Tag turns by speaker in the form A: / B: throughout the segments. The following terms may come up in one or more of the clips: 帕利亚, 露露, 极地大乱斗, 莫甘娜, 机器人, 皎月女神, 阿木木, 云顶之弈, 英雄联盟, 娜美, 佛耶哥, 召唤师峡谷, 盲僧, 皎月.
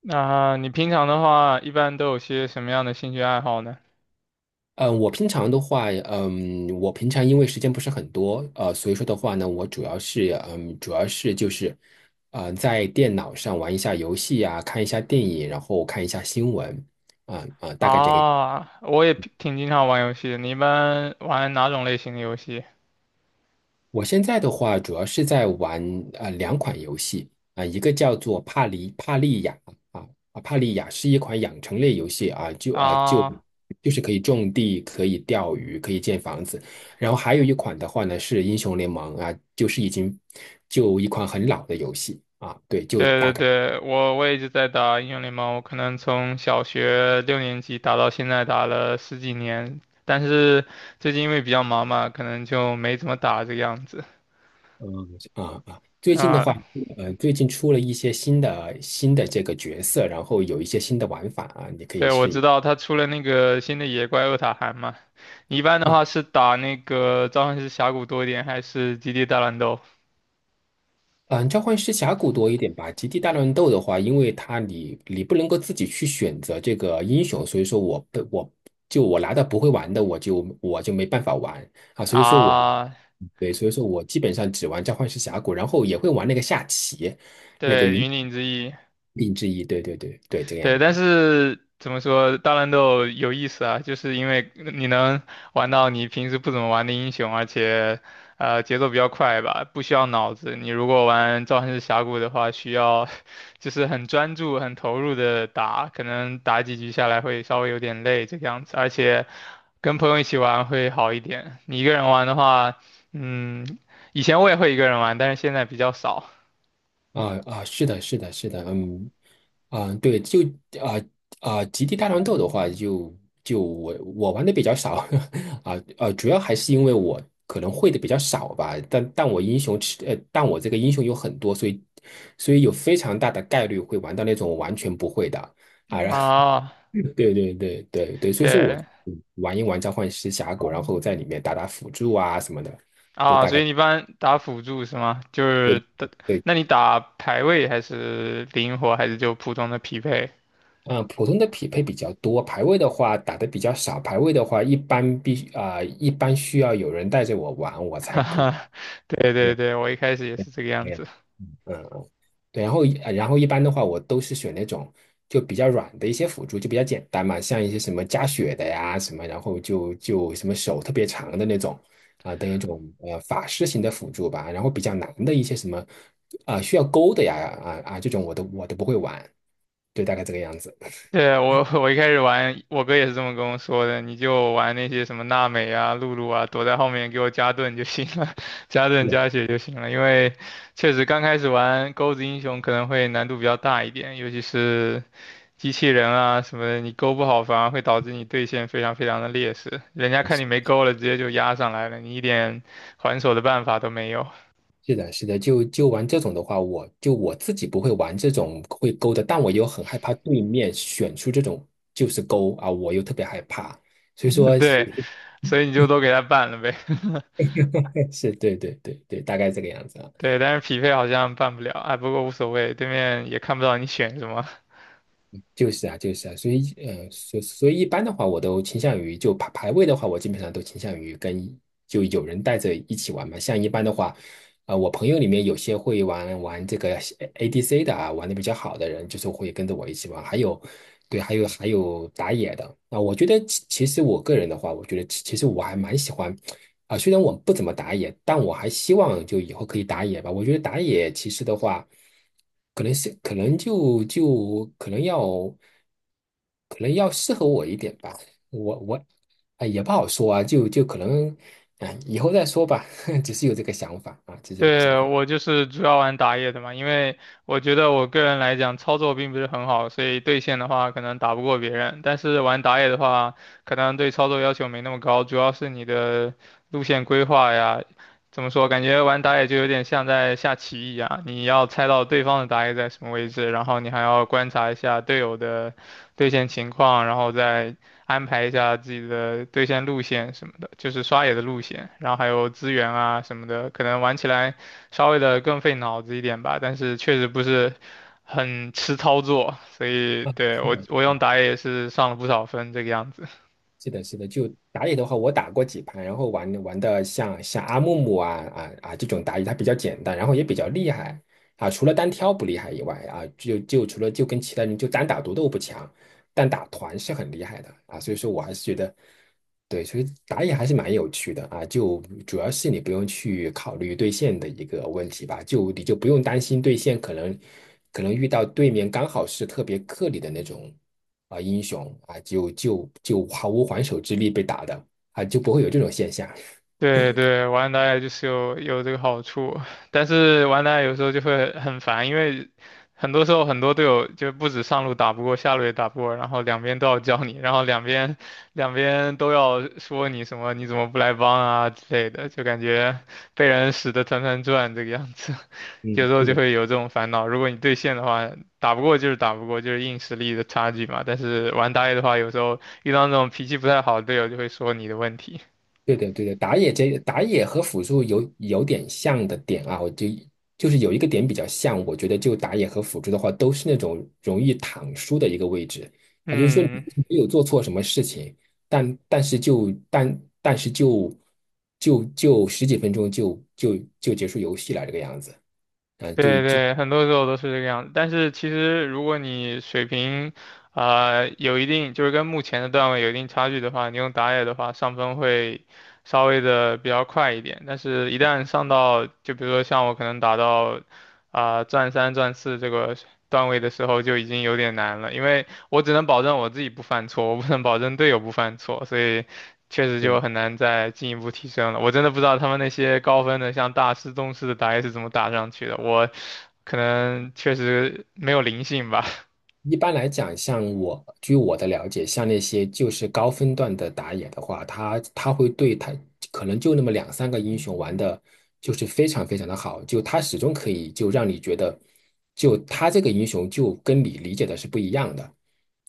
A: 那你平常的话，一般都有些什么样的兴趣爱好呢？
B: 嗯，我平常的话，我平常因为时间不是很多，所以说的话呢，我主要是，主要是就是，在电脑上玩一下游戏啊，看一下电影，然后看一下新闻，大概这个。
A: 啊，我也挺经常玩游戏的。你一般玩哪种类型的游戏？
B: 我现在的话，主要是在玩两款游戏啊、一个叫做《帕里帕利亚》啊啊，《帕利亚》是一款养成类游戏啊，就啊就
A: 啊，
B: 就是可以种地、可以钓鱼、可以建房子。然后还有一款的话呢是《英雄联盟》啊，就是就一款很老的游戏啊，对，就
A: 对对
B: 大概
A: 对，我一直在打英雄联盟，我可能从小学六年级打到现在，打了十几年。但是最近因为比较忙嘛，可能就没怎么打这个样子。
B: 嗯最近的话，
A: 啊，
B: 最近出了一些新的这个角色，然后有一些新的玩法啊，你可以
A: 对，我知
B: 试
A: 道他出了那个新的野怪厄塔韩嘛。你一般的
B: 啊。
A: 话是打那个召唤师峡谷多一点，还是极地大乱斗？
B: 嗯，召唤师峡谷多一点吧。极地大乱斗的话，因为它你不能够自己去选择这个英雄，所以说我不我就我拿到不会玩的，我就没办法玩啊。所以说我
A: 啊，
B: 对，所以说我基本上只玩召唤师峡谷，然后也会玩那个下棋，那个
A: 对，
B: 云
A: 云顶之弈，
B: 顶之弈。对对对对，这个样
A: 对，但
B: 子。
A: 是怎么说，大乱斗有意思啊，就是因为你能玩到你平时不怎么玩的英雄，而且节奏比较快吧，不需要脑子。你如果玩召唤师峡谷的话，需要 就是很专注、很投入的打，可能打几局下来会稍微有点累这个样子，而且跟朋友一起玩会好一点。你一个人玩的话，嗯，以前我也会一个人玩，但是现在比较少。
B: 是的，是的，是的，对，就啊极地大乱斗的话，就我玩的比较少。主要还是因为我可能会的比较少吧，但我这个英雄有很多，所以有非常大的概率会玩到那种我完全不会的啊。
A: 啊，
B: 对对对对对，所以说我
A: 对，
B: 玩一玩召唤师峡谷，然后在里面打打辅助啊什么的，对，
A: 啊，
B: 大
A: 所以
B: 概。
A: 你一般打辅助是吗？就是
B: 对
A: 打，
B: 对。
A: 那你打排位还是灵活，还是就普通的匹配？
B: 嗯，普通的匹配比较多，排位的话打的比较少。排位的话，一般需要有人带着我玩，我 才
A: 哈
B: 够。
A: 哈，对对
B: 练
A: 对，我一开始也是这个样
B: 练
A: 子。
B: 嗯，嗯，对。然后一般的话，我都是选那种就比较软的一些辅助，就比较简单嘛，像一些什么加血的呀什么，然后就什么手特别长的那种法师型的辅助吧。然后比较难的一些什么需要勾的呀，这种我都不会玩，对，大概这个样子。
A: 对，我一开始玩，我哥也是这么跟我说的，你就玩那些什么娜美啊、露露啊，躲在后面给我加盾就行了，加盾 加血就行了。因为确实刚开始玩钩子英雄可能会难度比较大一点，尤其是机器人啊什么的，你勾不好反而会导致你对线非常非常的劣势，人家看你没勾了，直接就压上来了，你一点还手的办法都没有。
B: 是的，是的，就玩这种的话，我自己不会玩这种会勾的，但我又很害怕对面选出这种就是勾啊，我又特别害怕，所以 说，所
A: 对，
B: 以说
A: 所以你就都给他办了呗。
B: 是对对对对，大概这个样子啊。
A: 对，但是匹配好像办不了，哎，不过无所谓，对面也看不到你选什么。
B: 就是啊，所以一般的话，我都倾向于就排位的话，我基本上都倾向于跟就有人带着一起玩嘛。像一般的话，我朋友里面有些会玩玩这个 ADC 的啊，玩的比较好的人，就是会跟着我一起玩。还有，对，还有还有打野的啊。我觉得其实我个人的话，我觉得其实我还蛮喜欢啊，虽然我不怎么打野，但我还希望就以后可以打野吧。我觉得打野其实的话，可能是可能就就可能要可能要适合我一点吧。我也不好说啊，就可能以后再说吧。只是有这个想法啊，只是有这个想
A: 对，
B: 法
A: 我就是主要玩打野的嘛，因为我觉得我个人来讲操作并不是很好，所以对线的话可能打不过别人，但是玩打野的话，可能对操作要求没那么高，主要是你的路线规划呀。怎么说？感觉玩打野就有点像在下棋一样，你要猜到对方的打野在什么位置，然后你还要观察一下队友的对线情况，然后再安排一下自己的对线路线什么的，就是刷野的路线，然后还有资源啊什么的，可能玩起来稍微的更费脑子一点吧，但是确实不是很吃操作，所以
B: 啊。
A: 对
B: 是
A: 我
B: 的，
A: 我用打野也是上了不少分这个样子。
B: 是的，是的，就打野的话，我打过几盘，然后玩玩的像阿木木这种打野，它比较简单，然后也比较厉害啊。除了单挑不厉害以外啊，就除了就跟其他人就单打独斗不强，但打团是很厉害的啊。所以说我还是觉得，对，所以打野还是蛮有趣的啊。就主要是你不用去考虑对线的一个问题吧，就你就不用担心对线可能遇到对面刚好是特别克你的那种英雄啊，就毫无还手之力被打的啊，就不会有这种现象。
A: 对对，玩打野就是有这个好处，但是玩打野有时候就会很烦，因为很多时候很多队友就不止上路打不过，下路也打不过，然后两边都要教你，然后两边都要说你什么你怎么不来帮啊之类的，就感觉被人使得团团转这个样子，有
B: 嗯，
A: 时候
B: 是
A: 就
B: 的，
A: 会有这种烦恼。如果你对线的话，打不过就是打不过，就是硬实力的差距嘛。但是玩打野的话，有时候遇到那种脾气不太好的队友，就会说你的问题。
B: 对的对的，打野和辅助有点像的点啊，我就是有一个点比较像，我觉得就打野和辅助的话，都是那种容易躺输的一个位置啊，就是说你
A: 嗯，
B: 没有做错什么事情，但但是就但但是就就就十几分钟就结束游戏了这个样子。嗯、啊就
A: 对对，很多时候都是这个样子。但是其实，如果你水平，啊有一定，就是跟目前的段位有一定差距的话，你用打野的话，上分会稍微的比较快一点。但是，一旦上到，就比如说像我可能打到，啊、钻三、钻四这个段位的时候，就已经有点难了，因为我只能保证我自己不犯错，我不能保证队友不犯错，所以确实就很难再进一步提升了。我真的不知道他们那些高分的，像大师、宗师的打野是怎么打上去的。我可能确实没有灵性吧。
B: 一般来讲，像我，据我的了解，像那些就是高分段的打野的话，他会对他可能就那么两三个英雄玩的，就是非常非常的好，就他始终可以就让你觉得，就他这个英雄就跟你理解的是不一样的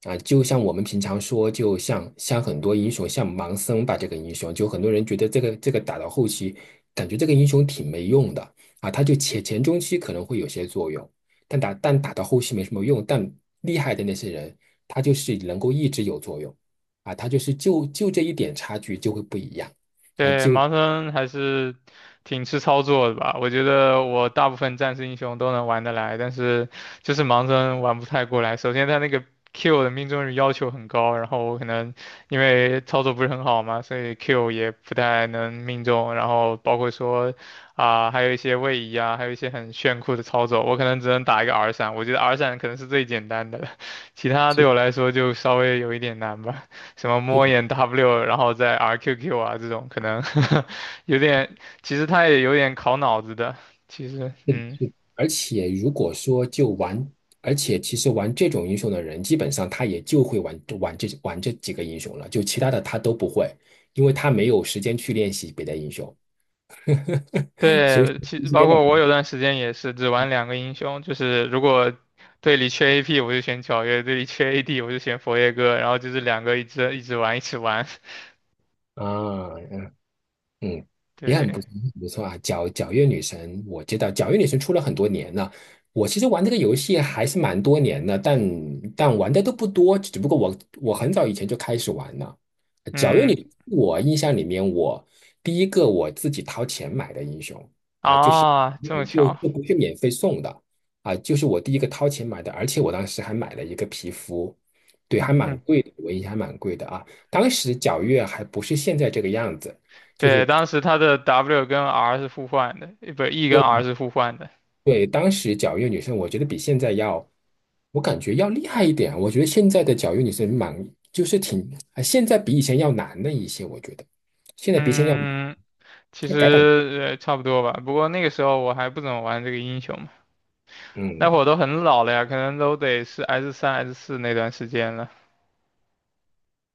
B: 啊。就像我们平常说，就像像很多英雄，像盲僧吧，这个英雄，就很多人觉得这个打到后期，感觉这个英雄挺没用的啊，他就前中期可能会有些作用。但打到后期没什么用，但厉害的那些人，他就是能够一直有作用啊，他就是就这一点差距就会不一样。
A: 对，盲僧还是挺吃操作的吧？我觉得我大部分战士英雄都能玩得来，但是就是盲僧玩不太过来。首先他那个 Q 的命中率要求很高，然后我可能因为操作不是很好嘛，所以 Q 也不太能命中。然后包括说啊、还有一些位移啊，还有一些很炫酷的操作，我可能只能打一个 R 闪。我觉得 R 闪可能是最简单的了，其他对
B: 就
A: 我来说就稍微有一点难吧。什么
B: 就，
A: 摸眼 W，然后再 RQQ 啊这种，可能 有点，其实他也有点考脑子的。其实，嗯，
B: 而且如果说就玩，而且其实玩这种英雄的人，基本上他也就会玩这几个英雄了，就其他的他都不会，因为他没有时间去练习别的英雄。所以说
A: 对，其实
B: 时
A: 包
B: 间的
A: 括我有段时间也是只玩两个英雄，就是如果队里缺 AP 我就选皎月，队里缺 AD 我就选佛耶哥，然后就是两个一直玩一起玩。
B: 啊。嗯，也很不
A: 对，
B: 错，很不错啊。皎月女神，我知道皎月女神出了很多年了。我其实玩这个游戏还是蛮多年的，但玩的都不多，只不过我很早以前就开始玩了。皎月
A: 嗯，
B: 女，我印象里面我第一个自己掏钱买的英雄啊，就是
A: 啊，
B: 没
A: 这
B: 有
A: 么
B: 就
A: 巧。
B: 就不是免费送的啊，就是我第一个掏钱买的，而且我当时还买了一个皮肤，对，还
A: 嗯
B: 蛮
A: 哼
B: 贵的，我印象还蛮贵的啊。当时皎月还不是现在这个样子。就是。
A: 对，当时他的 W 跟 R 是互换的，不，E 跟 R
B: 对
A: 是互换的。
B: 对，当时脚月女生，我觉得比现在要，我感觉要厉害一点。我觉得现在的脚月女生蛮，就是挺，啊现在比以前要难了一些。我觉得现在比以前要
A: 嗯。其
B: 要改版，
A: 实差不多吧，不过那个时候我还不怎么玩这个英雄嘛，那会
B: 嗯，
A: 儿都很老了呀，可能都得是 S 三 S 四那段时间了。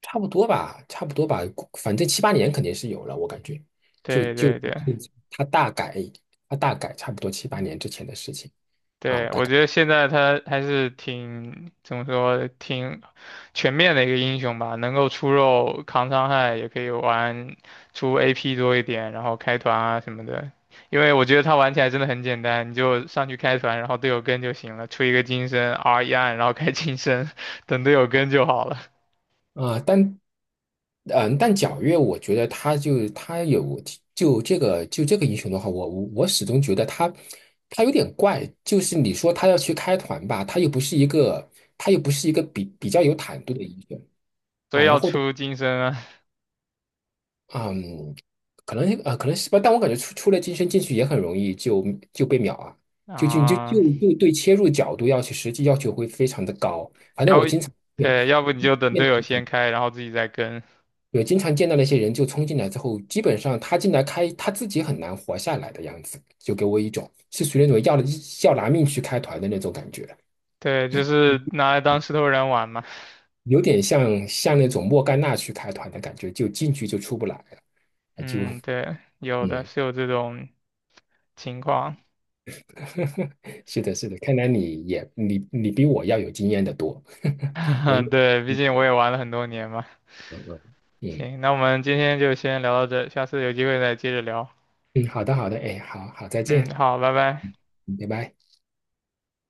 B: 差不多吧，差不多吧，反正七八年肯定是有了，我感觉，就
A: 对
B: 就
A: 对对
B: 就他大改，他大改，差不多七八年之前的事情啊，
A: 对，
B: 大
A: 我
B: 概
A: 觉得现在他还是挺怎么说，挺全面的一个英雄吧，能够出肉扛伤害，也可以玩出 AP 多一点，然后开团啊什么的。因为我觉得他玩起来真的很简单，你就上去开团，然后队友跟就行了，出一个金身 R 一按，然后开金身，等队友跟就好了。
B: 啊，但皎月，我觉得他有就这个英雄的话，我始终觉得他有点怪，就是你说他要去开团吧，他又不是一个比较有坦度的英雄
A: 所
B: 啊，
A: 以
B: 然
A: 要
B: 后的
A: 出金身啊，
B: 嗯，可能可能是吧，但我感觉出了金身进去也很容易就被秒啊，就就就就
A: 啊，
B: 就对切入角度实际要求会非常的高，反正
A: 要
B: 我经常对
A: 对，要不你就等
B: 面
A: 队友
B: 对
A: 先开，然后自己再跟，
B: 有经常见到那些人就冲进来之后，基本上他进来开他自己很难活下来的样子，就给我一种是属于那种要拿命去开团的那种感觉，
A: 对，就是拿来当石头人玩嘛，
B: 有点像那种莫甘娜去开团的感觉，就进去就出不来了。啊就
A: 嗯，对，有的
B: 嗯，
A: 是有这种情况，
B: 是的，是的，看来你也你比我要有经验的多。我一
A: 对，毕竟我也玩了很多年嘛，
B: 嗯嗯嗯
A: 行，那我们今天就先聊到这，下次有机会再接着聊，
B: 嗯，好的好的，哎，好好再
A: 嗯，
B: 见，
A: 好，拜拜。
B: 嗯拜拜。